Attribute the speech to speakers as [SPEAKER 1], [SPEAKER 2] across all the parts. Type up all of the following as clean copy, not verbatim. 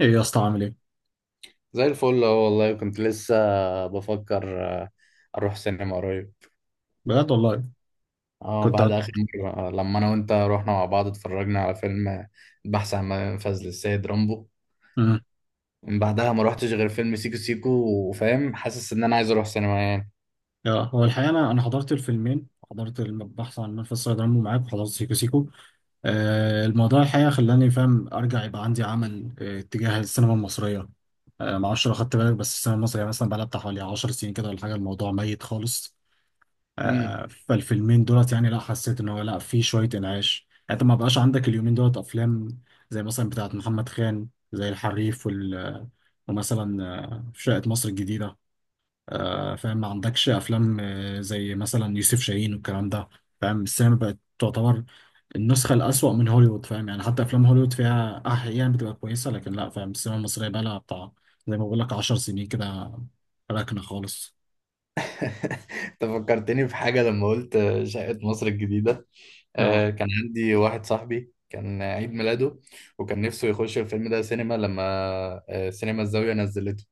[SPEAKER 1] ايه يا اسطى عامل ايه؟
[SPEAKER 2] زي الفل اهو والله، كنت لسه بفكر اروح سينما قريب.
[SPEAKER 1] بجد والله
[SPEAKER 2] اه،
[SPEAKER 1] كنت
[SPEAKER 2] بعد اخر مرة، لما انا وانت رحنا مع بعض اتفرجنا على فيلم البحث عن منفذ للسيد رامبو.
[SPEAKER 1] مم.
[SPEAKER 2] من بعدها ما روحتش غير فيلم سيكو سيكو، وفاهم حاسس ان انا عايز اروح سينما يعني.
[SPEAKER 1] يا هو الحقيقه انا حضرت الفيلمين، حضرت البحث عن منفذ صيد عمرو معاك وحضرت سيكو سيكو. الموضوع الحقيقه خلاني فاهم ارجع يبقى عندي عمل تجاه السينما المصريه. ما اعرفش لو خدت بالك، بس السينما المصريه مثلا بقى لها بتاع حوالي 10 سنين كده ولا حاجه، الموضوع ميت خالص.
[SPEAKER 2] امم.
[SPEAKER 1] فالفيلمين دولت يعني، لا حسيت ان هو لا، في شويه انعاش، يعني انت ما بقاش عندك اليومين دولت افلام زي مثلا بتاعت محمد خان، زي الحريف ومثلا شقة مصر الجديدة. فاهم ما عندكش افلام زي مثلا يوسف شاهين والكلام ده. فاهم السينما بقت تعتبر النسخه الاسوأ من هوليوود، فاهم يعني حتى افلام هوليوود فيها احيانا بتبقى كويسه، لكن لا، فاهم السينما المصريه بقى لها بتاع، زي ما بقول لك 10 سنين كده، راكنه خالص.
[SPEAKER 2] انت فكرتني في حاجة لما قلت شقة مصر الجديدة.
[SPEAKER 1] اه.
[SPEAKER 2] كان عندي واحد صاحبي كان عيد ميلاده، وكان نفسه يخش الفيلم ده سينما، لما سينما الزاوية نزلته.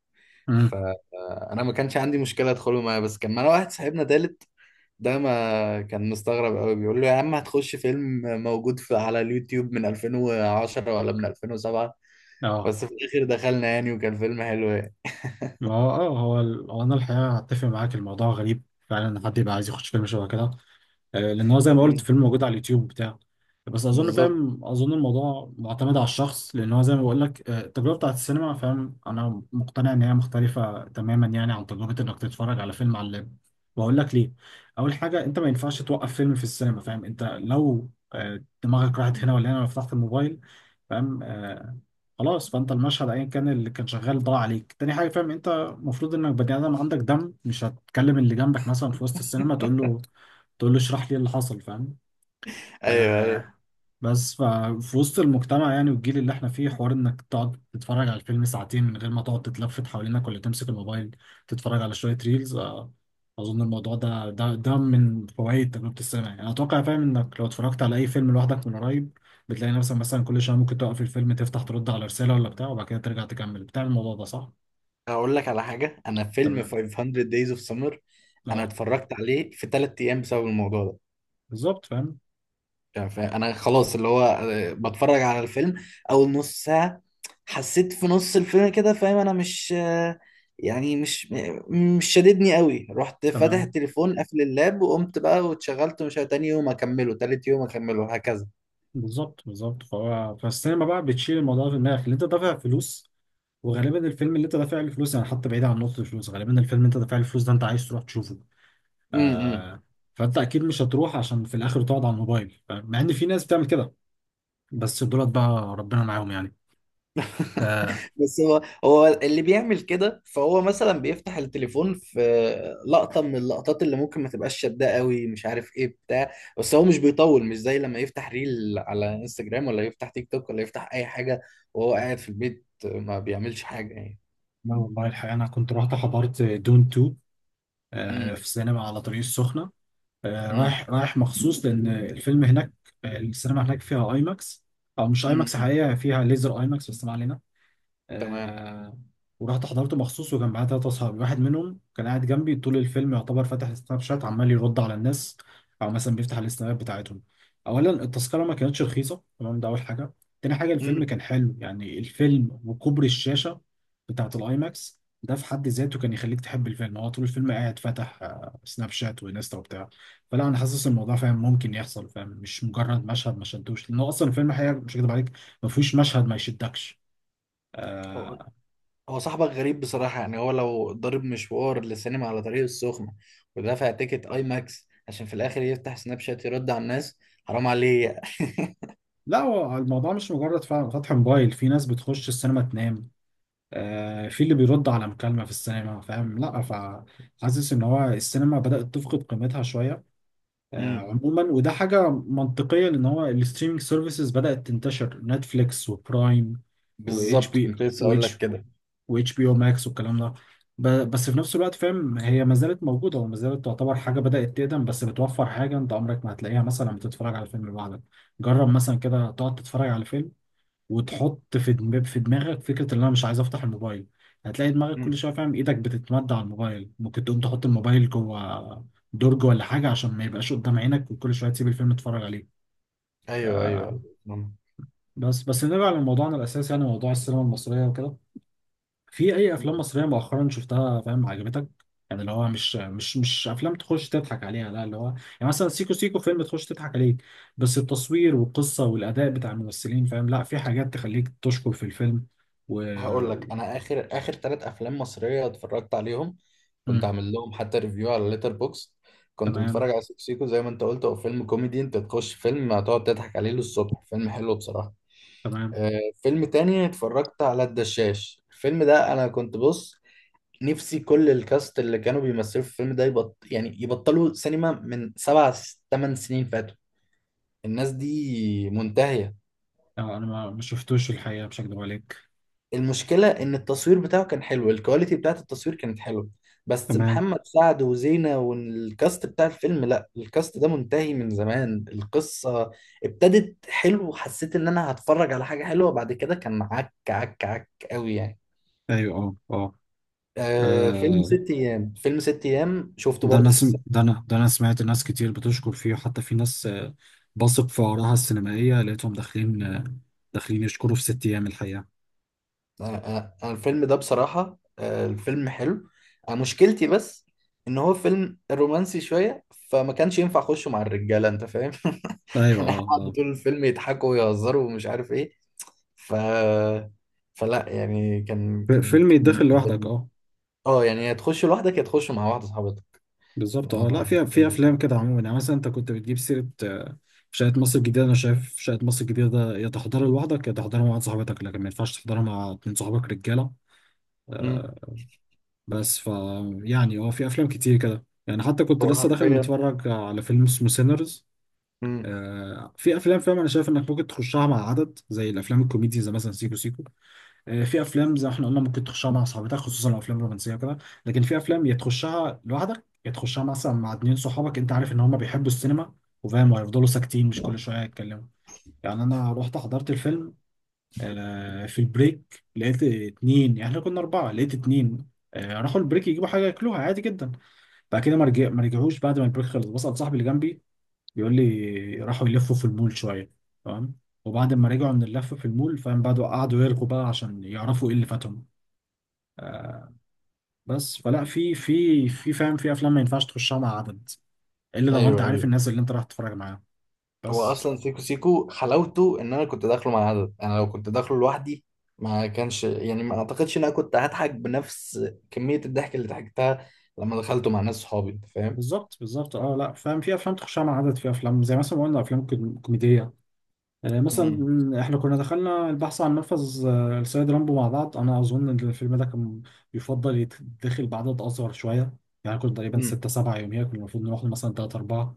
[SPEAKER 1] امم.
[SPEAKER 2] فانا ما كانش عندي مشكله ادخله معايا، بس كان معانا واحد صاحبنا تالت، ده ما كان مستغرب قوي بيقول له يا عم هتخش فيلم موجود في على اليوتيوب من 2010 ولا من 2007.
[SPEAKER 1] اه
[SPEAKER 2] بس في الاخر دخلنا يعني، وكان فيلم حلو يعني.
[SPEAKER 1] ما هو هو انا الحقيقه هتفق معاك، الموضوع غريب فعلا ان حد يبقى عايز يخش فيلم شبه كده لان هو زي ما قلت
[SPEAKER 2] مم.
[SPEAKER 1] فيلم موجود على اليوتيوب بتاع. بس اظن،
[SPEAKER 2] بالظبط.
[SPEAKER 1] فاهم، اظن الموضوع معتمد على الشخص، لان هو زي ما بقول لك التجربه بتاعت السينما، فاهم انا مقتنع ان هي مختلفه تماما يعني عن تجربه انك تتفرج على فيلم على اللاب. واقول لك ليه. اول حاجه، انت ما ينفعش توقف فيلم في السينما، فاهم انت لو دماغك راحت هنا ولا هنا، لو فتحت الموبايل، فاهم خلاص، فانت المشهد ايا كان اللي كان شغال ضاع عليك. تاني حاجه، فاهم انت المفروض انك بني ادم عندك دم، مش هتكلم اللي جنبك مثلا في وسط السينما، تقول له تقول له اشرح لي إيه اللي حصل، فاهم
[SPEAKER 2] ايوه، ايوه.
[SPEAKER 1] آه، بس ففي وسط المجتمع يعني، والجيل اللي احنا فيه، حوار انك تقعد تتفرج على الفيلم ساعتين من غير ما تقعد تتلفت حوالينك، ولا تمسك الموبايل تتفرج على شوية ريلز اظن الموضوع ده من فوائد تجربة السينما، يعني انا اتوقع، فاهم، انك لو اتفرجت على اي فيلم لوحدك من قريب بتلاقي نفسك مثلا كل شوية ممكن تقف الفيلم، تفتح ترد على رسالة ولا بتاع، وبعد كده ترجع تكمل. بتعمل الموضوع ده صح؟
[SPEAKER 2] هقول لك على حاجه، انا فيلم
[SPEAKER 1] تمام.
[SPEAKER 2] 500 Days of Summer انا
[SPEAKER 1] اه.
[SPEAKER 2] اتفرجت عليه في ثلاث ايام بسبب الموضوع ده.
[SPEAKER 1] بالظبط، فاهم.
[SPEAKER 2] يعني انا خلاص، اللي هو بتفرج على الفيلم اول نص ساعة، حسيت في نص الفيلم كده فاهم انا مش، يعني مش مش شاددني قوي، رحت فاتح
[SPEAKER 1] تمام.
[SPEAKER 2] التليفون قافل اللاب وقمت بقى واتشغلت مش عارف. تاني يوم اكمله، تالت يوم اكمله، هكذا.
[SPEAKER 1] بالظبط، بالظبط. فهو فالسينما بقى بتشيل الموضوع في دماغك اللي انت دافع فلوس، وغالبا الفيلم اللي انت دافع له فلوس، يعني حتى بعيد عن نقطة الفلوس، غالبا الفيلم اللي انت دافع له فلوس ده انت عايز تروح تشوفه.
[SPEAKER 2] امم.
[SPEAKER 1] آه فانت اكيد مش هتروح عشان في الاخر تقعد على الموبايل، فاهم؟ مع ان في ناس بتعمل كده، بس دولت بقى ربنا معاهم يعني. آه
[SPEAKER 2] بس هو هو اللي بيعمل كده، فهو مثلا بيفتح التليفون في لقطة من اللقطات اللي ممكن ما تبقاش شداه قوي، مش عارف ايه بتاع. بس هو مش بيطول، مش زي لما يفتح ريل على انستجرام، ولا يفتح تيك توك، ولا يفتح اي حاجة، وهو قاعد في البيت ما بيعملش حاجة يعني.
[SPEAKER 1] لا والله، الحقيقة انا كنت رحت حضرت دون 2 في
[SPEAKER 2] امم،
[SPEAKER 1] السينما على طريق السخنة،
[SPEAKER 2] امم،
[SPEAKER 1] رايح رايح مخصوص لان الفيلم هناك. السينما هناك فيها اي ماكس، او مش اي ماكس
[SPEAKER 2] امم.
[SPEAKER 1] حقيقة، فيها ليزر اي ماكس، بس ما علينا.
[SPEAKER 2] تمام.
[SPEAKER 1] آه ورحت حضرته مخصوص، وكان معايا ثلاثة أصحابي، واحد منهم كان قاعد جنبي طول الفيلم يعتبر فاتح السناب شات، عمال يرد على الناس، أو مثلا بيفتح السنابات بتاعتهم. أولا، التذكرة ما كانتش رخيصة، تمام، ده أول حاجة. تاني حاجة، الفيلم
[SPEAKER 2] امم.
[SPEAKER 1] كان حلو يعني، الفيلم وكبر الشاشة بتاعة الآي ماكس ده في حد ذاته كان يخليك تحب الفيلم. هو طول الفيلم قاعد فاتح سناب شات وانستا وبتاع. فلا، انا حاسس إن الموضوع، فاهم، ممكن يحصل، فاهم مش مجرد مشهد ما شدوش، لانه اصلا الفيلم حقيقة، مش هكدب عليك، ما فيهوش مشهد ما يشدكش.
[SPEAKER 2] هو
[SPEAKER 1] آه،
[SPEAKER 2] هو صاحبك غريب بصراحة، يعني هو لو ضرب مشوار للسينما على طريق السخنة، ودفع تيكت اي ماكس عشان في الاخر يفتح سناب شات يرد على الناس، حرام عليه.
[SPEAKER 1] لا، هو الموضوع مش مجرد فعلا فتح موبايل، في ناس بتخش السينما تنام، في اللي بيرد على مكالمة في السينما، فاهم. لا، فحاسس ان هو السينما بدأت تفقد قيمتها شوية
[SPEAKER 2] امم،
[SPEAKER 1] عموما، وده حاجة منطقية لان هو الستريمينج سيرفيسز بدأت تنتشر، نتفليكس وبرايم، واتش
[SPEAKER 2] بالظبط،
[SPEAKER 1] بي
[SPEAKER 2] كنت لسه اقول لك
[SPEAKER 1] واتش
[SPEAKER 2] كده.
[SPEAKER 1] واتش بي او ماكس والكلام ده. بس في نفس الوقت، فاهم، هي ما زالت موجودة وما زالت تعتبر حاجة بدأت تقدم، بس بتوفر حاجة انت عمرك ما هتلاقيها مثلا بتتفرج على فيلم لوحدك. جرب مثلا كده تقعد تتفرج على فيلم وتحط في دماغك فكره ان انا مش عايز افتح الموبايل. هتلاقي دماغك كل
[SPEAKER 2] مم.
[SPEAKER 1] شويه، فاهم، ايدك بتتمد على الموبايل، ممكن تقوم تحط الموبايل جوه درج ولا حاجه عشان ما يبقاش قدام عينك، وكل شويه تسيب الفيلم تتفرج عليه.
[SPEAKER 2] ايوه، ايوه، أيوة.
[SPEAKER 1] آه
[SPEAKER 2] مم.
[SPEAKER 1] بس بس نرجع لموضوعنا الاساسي يعني، موضوع السينما المصريه وكده. في اي افلام
[SPEAKER 2] مم.
[SPEAKER 1] مصريه مؤخرا شفتها، فاهم، عجبتك؟ يعني اللي هو مش افلام تخش تضحك عليها، لا اللي هو يعني مثلا سيكو سيكو فيلم تخش تضحك عليه، بس التصوير والقصه والاداء بتاع الممثلين، فاهم، لا في حاجات تخليك تشكر في الفيلم و...
[SPEAKER 2] هقول لك، انا اخر اخر ثلاث افلام مصريه اتفرجت عليهم، كنت
[SPEAKER 1] مم.
[SPEAKER 2] عامل لهم حتى ريفيو على ليتر بوكس. كنت
[SPEAKER 1] تمام.
[SPEAKER 2] متفرج على سيكو سيكو، زي ما انت قلت هو فيلم كوميدي، انت تخش فيلم هتقعد تضحك عليه للصبح، فيلم حلو بصراحه.
[SPEAKER 1] تمام.
[SPEAKER 2] آه، فيلم تاني اتفرجت على الدشاش. الفيلم ده انا كنت بص نفسي كل الكاست اللي كانوا بيمثلوا في الفيلم ده يعني يبطلوا سينما من سبع ثمان سنين فاتوا، الناس دي منتهيه.
[SPEAKER 1] انا ما شفتوش، الحقيقه مش هكدب عليك.
[SPEAKER 2] المشكلة إن التصوير بتاعه كان حلو، الكواليتي بتاعت التصوير كانت حلوة، بس
[SPEAKER 1] تمام.
[SPEAKER 2] محمد سعد وزينة والكاست بتاع الفيلم لا، الكاست ده منتهي من زمان. القصة ابتدت حلو وحسيت إن أنا هتفرج على حاجة حلوة، بعد كده كان عك عك عك قوي يعني.
[SPEAKER 1] ايوه، اه، اه.
[SPEAKER 2] آه، فيلم
[SPEAKER 1] آه،
[SPEAKER 2] ست أيام، فيلم ست أيام شفته
[SPEAKER 1] ده انا
[SPEAKER 2] برضو في
[SPEAKER 1] سم...
[SPEAKER 2] السينما.
[SPEAKER 1] ده انا ده انا سمعت ناس كتير بتشكر فيه، حتى في ناس بثق في آرائها السينمائيه، لقيتهم داخلين داخلين يشكروا في ست ايام الحقيقه.
[SPEAKER 2] أنا الفيلم ده بصراحة، الفيلم حلو. أنا مشكلتي بس ان هو فيلم رومانسي شوية، فما كانش ينفع اخشه مع الرجالة، انت فاهم؟
[SPEAKER 1] ايوه،
[SPEAKER 2] احنا
[SPEAKER 1] اه،
[SPEAKER 2] قعدوا
[SPEAKER 1] اه.
[SPEAKER 2] طول الفيلم يضحكوا ويهزروا ومش عارف ايه. ف فلا يعني، كان
[SPEAKER 1] فيلم يتدخل
[SPEAKER 2] بالنسبة
[SPEAKER 1] لوحدك،
[SPEAKER 2] لي،
[SPEAKER 1] اه.
[SPEAKER 2] اه يعني، يا تخش لوحدك، يا تخش مع واحدة صاحبتك.
[SPEAKER 1] بالظبط، اه. لا
[SPEAKER 2] آه.
[SPEAKER 1] في في افلام كده عموما يعني، مثلا انت كنت بتجيب سيره شقه مصر الجديده. انا شايف شقه مصر الجديده ده يا تحضرها لوحدك يا تحضرها مع واحد صاحبتك، لكن ما ينفعش تحضرها مع اتنين صحابك رجاله.
[SPEAKER 2] امم.
[SPEAKER 1] بس يعني هو في افلام كتير كده يعني، حتى كنت
[SPEAKER 2] هو
[SPEAKER 1] لسه داخل
[SPEAKER 2] حرفيا.
[SPEAKER 1] متفرج على فيلم اسمه سينرز.
[SPEAKER 2] امم.
[SPEAKER 1] في افلام، فاهم، انا شايف انك ممكن تخشها مع عدد زي الافلام الكوميدي، زي مثلا سيكو سيكو. في افلام زي ما احنا قلنا ممكن تخشها مع صحابتك خصوصا الافلام الرومانسيه وكده، لكن في افلام يا تخشها لوحدك يا تخشها مثلا مع اتنين صحابك انت عارف ان هم بيحبوا السينما، وفاهم وهيفضلوا ساكتين، مش كل شويه يتكلموا. يعني انا رحت حضرت الفيلم، في البريك لقيت اتنين، يعني احنا كنا اربعه، لقيت اتنين راحوا البريك يجيبوا حاجه ياكلوها، عادي جدا. بعد كده ما رجعوش، بعد ما البريك خلص بسأل صاحبي اللي جنبي، بيقول لي راحوا يلفوا في المول شويه. تمام. وبعد ما رجعوا من اللفه في المول، فاهم، بعدوا قعدوا يرغوا بقى عشان يعرفوا ايه اللي فاتهم. بس فلا، في، فاهم، في افلام ما ينفعش تخشها مع عدد، الا لو انت
[SPEAKER 2] ايوه،
[SPEAKER 1] عارف
[SPEAKER 2] ايوه.
[SPEAKER 1] الناس اللي انت رايح تتفرج معاهم.
[SPEAKER 2] هو
[SPEAKER 1] بس.
[SPEAKER 2] اصلا سيكو سيكو حلاوته ان انا كنت داخله مع عدد، انا لو كنت داخله لوحدي ما كانش، يعني ما اعتقدش ان انا كنت هضحك بنفس كمية الضحك اللي ضحكتها لما دخلته مع ناس صحابي، انت فاهم؟
[SPEAKER 1] بالظبط، بالظبط، اه. لا، فاهم، في افلام تخشها مع عدد، في افلام زي مثلا ما قلنا افلام كوميديه، يعني
[SPEAKER 2] امم،
[SPEAKER 1] مثلا احنا كنا دخلنا البحث عن نفذ السيد رامبو مع بعض، انا اظن ان الفيلم ده كان يفضل يتدخل بعدد اصغر شويه، يعني كنا تقريبا
[SPEAKER 2] امم.
[SPEAKER 1] ستة سبعة، يوميا كنا المفروض نروح له مثلا تلاتة أربعة.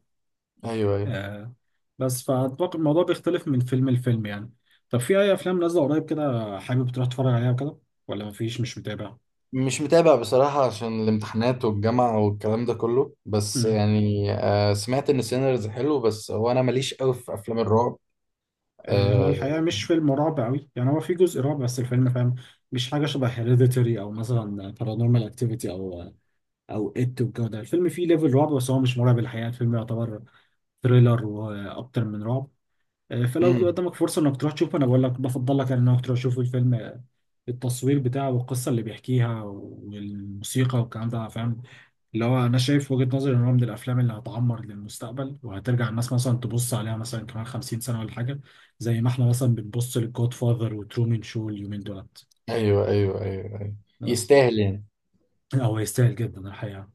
[SPEAKER 2] ايوه، ايوه.
[SPEAKER 1] آه بس فأتوقع الموضوع بيختلف من فيلم لفيلم يعني. طب في أي أفلام نازلة قريب كده حابب تروح تتفرج عليها وكده، ولا مفيش مش متابع؟
[SPEAKER 2] مش متابع بصراحة عشان الامتحانات والجامعة والكلام ده كله، بس
[SPEAKER 1] مم.
[SPEAKER 2] يعني آه، سمعت ان سينرز حلو، بس هو انا ماليش قوي في افلام الرعب.
[SPEAKER 1] هو
[SPEAKER 2] آه.
[SPEAKER 1] الحقيقة مش فيلم رعب أوي يعني، هو في جزء رعب بس الفيلم، فاهم، مش حاجة شبه هيريديتري أو مثلا بارانورمال أكتيفيتي أو او ات والجو ده. الفيلم فيه ليفل رعب، بس هو مش مرعب الحقيقه، الفيلم يعتبر ثريلر واكتر من رعب. فلو جه
[SPEAKER 2] امم.
[SPEAKER 1] قدامك فرصه انك تروح تشوفه، انا بقول لك بفضل لك يعني انك تروح تشوف الفيلم التصوير بتاعه والقصه اللي بيحكيها والموسيقى والكلام ده، فاهم، اللي هو انا شايف وجهه نظري ان هو من الافلام اللي هتعمر للمستقبل، وهترجع الناس مثلا تبص عليها مثلا كمان 50 سنه ولا حاجه، زي ما احنا مثلا بنبص للجود فاذر وترومن شو اليومين دولت.
[SPEAKER 2] ايوه، ايوه، ايوه، ايوه.
[SPEAKER 1] بس.
[SPEAKER 2] يستاهل يعني.
[SPEAKER 1] هو يستاهل جدا الحقيقه.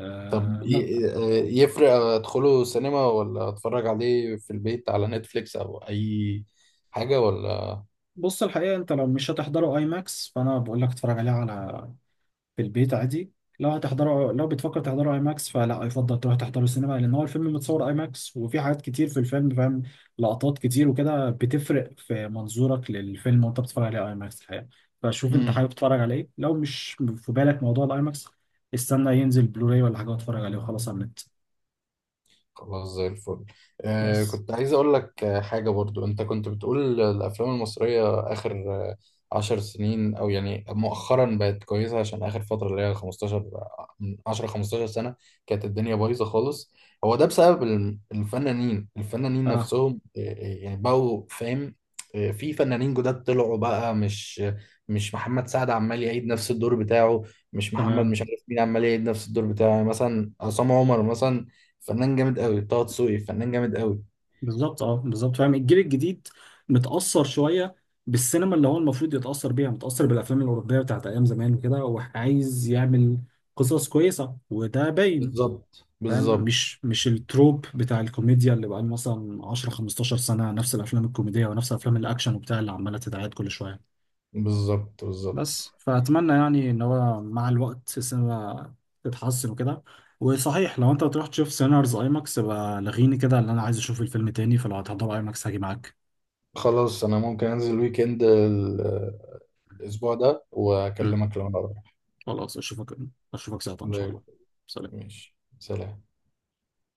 [SPEAKER 1] آه،
[SPEAKER 2] طب يفرق ادخله سينما، ولا اتفرج عليه في البيت على نتفليكس او اي حاجة، ولا؟
[SPEAKER 1] بص الحقيقة انت لو مش هتحضره اي ماكس، فانا بقول لك اتفرج عليه على، في البيت عادي. لو هتحضره، لو بتفكر تحضره اي ماكس، فلا، يفضل تروح تحضره سينما، لان هو الفيلم متصور اي ماكس، وفي حاجات كتير في الفيلم، فاهم، لقطات كتير وكده بتفرق في منظورك للفيلم وانت بتتفرج عليه اي ماكس الحقيقة. فشوف انت
[SPEAKER 2] مم.
[SPEAKER 1] حابب تتفرج على ايه، لو مش في بالك موضوع الاي ماكس استنى ينزل بلوراي ولا حاجة واتفرج عليه وخلاص على النت.
[SPEAKER 2] خلاص، زي الفل. آه،
[SPEAKER 1] بس.
[SPEAKER 2] كنت عايز اقول لك حاجة برضو، انت كنت بتقول الافلام المصرية اخر آه، عشر سنين، او يعني مؤخرا بقت كويسة، عشان اخر فترة اللي هي 15، من 10، 15 سنة كانت الدنيا بايظة خالص. هو ده بسبب الفنانين
[SPEAKER 1] اه.
[SPEAKER 2] نفسهم، يعني بقوا فاهم، في فنانين جداد طلعوا بقى، مش محمد سعد عمال يعيد نفس الدور بتاعه، مش محمد
[SPEAKER 1] تمام.
[SPEAKER 2] مش عارف مين عمال يعيد نفس الدور بتاعه، يعني مثلا عصام عمر مثلا فنان جامد قوي، طه دسوقي فنان جامد قوي.
[SPEAKER 1] بالظبط، اه. بالظبط، فاهم الجيل الجديد متأثر شوية بالسينما اللي هو المفروض يتأثر بيها، متأثر بالأفلام الأوروبية بتاعت أيام زمان وكده، هو عايز يعمل قصص كويسة وده باين.
[SPEAKER 2] بالظبط،
[SPEAKER 1] فاهم
[SPEAKER 2] بالظبط.
[SPEAKER 1] مش مش التروب بتاع الكوميديا اللي بقى مثلا 10 15 سنة نفس الأفلام الكوميدية ونفس الأفلام الأكشن وبتاع اللي عمالة تتعاد كل شوية.
[SPEAKER 2] بالظبط، بالظبط.
[SPEAKER 1] بس. فأتمنى يعني إن هو مع الوقت السينما تتحسن وكده. وصحيح، لو انت هتروح تشوف سينارز ايماكس يبقى لغيني كده، اللي انا عايز اشوف الفيلم تاني، فلو هتحضر ايماكس هاجي معاك.
[SPEAKER 2] خلاص، انا ممكن انزل ويكند الاسبوع ده
[SPEAKER 1] مم.
[SPEAKER 2] واكلمك لو انا رايح.
[SPEAKER 1] خلاص، اشوفك ساعتها ان
[SPEAKER 2] زي
[SPEAKER 1] شاء
[SPEAKER 2] الفل.
[SPEAKER 1] الله. سلام.
[SPEAKER 2] ماشي، سلام.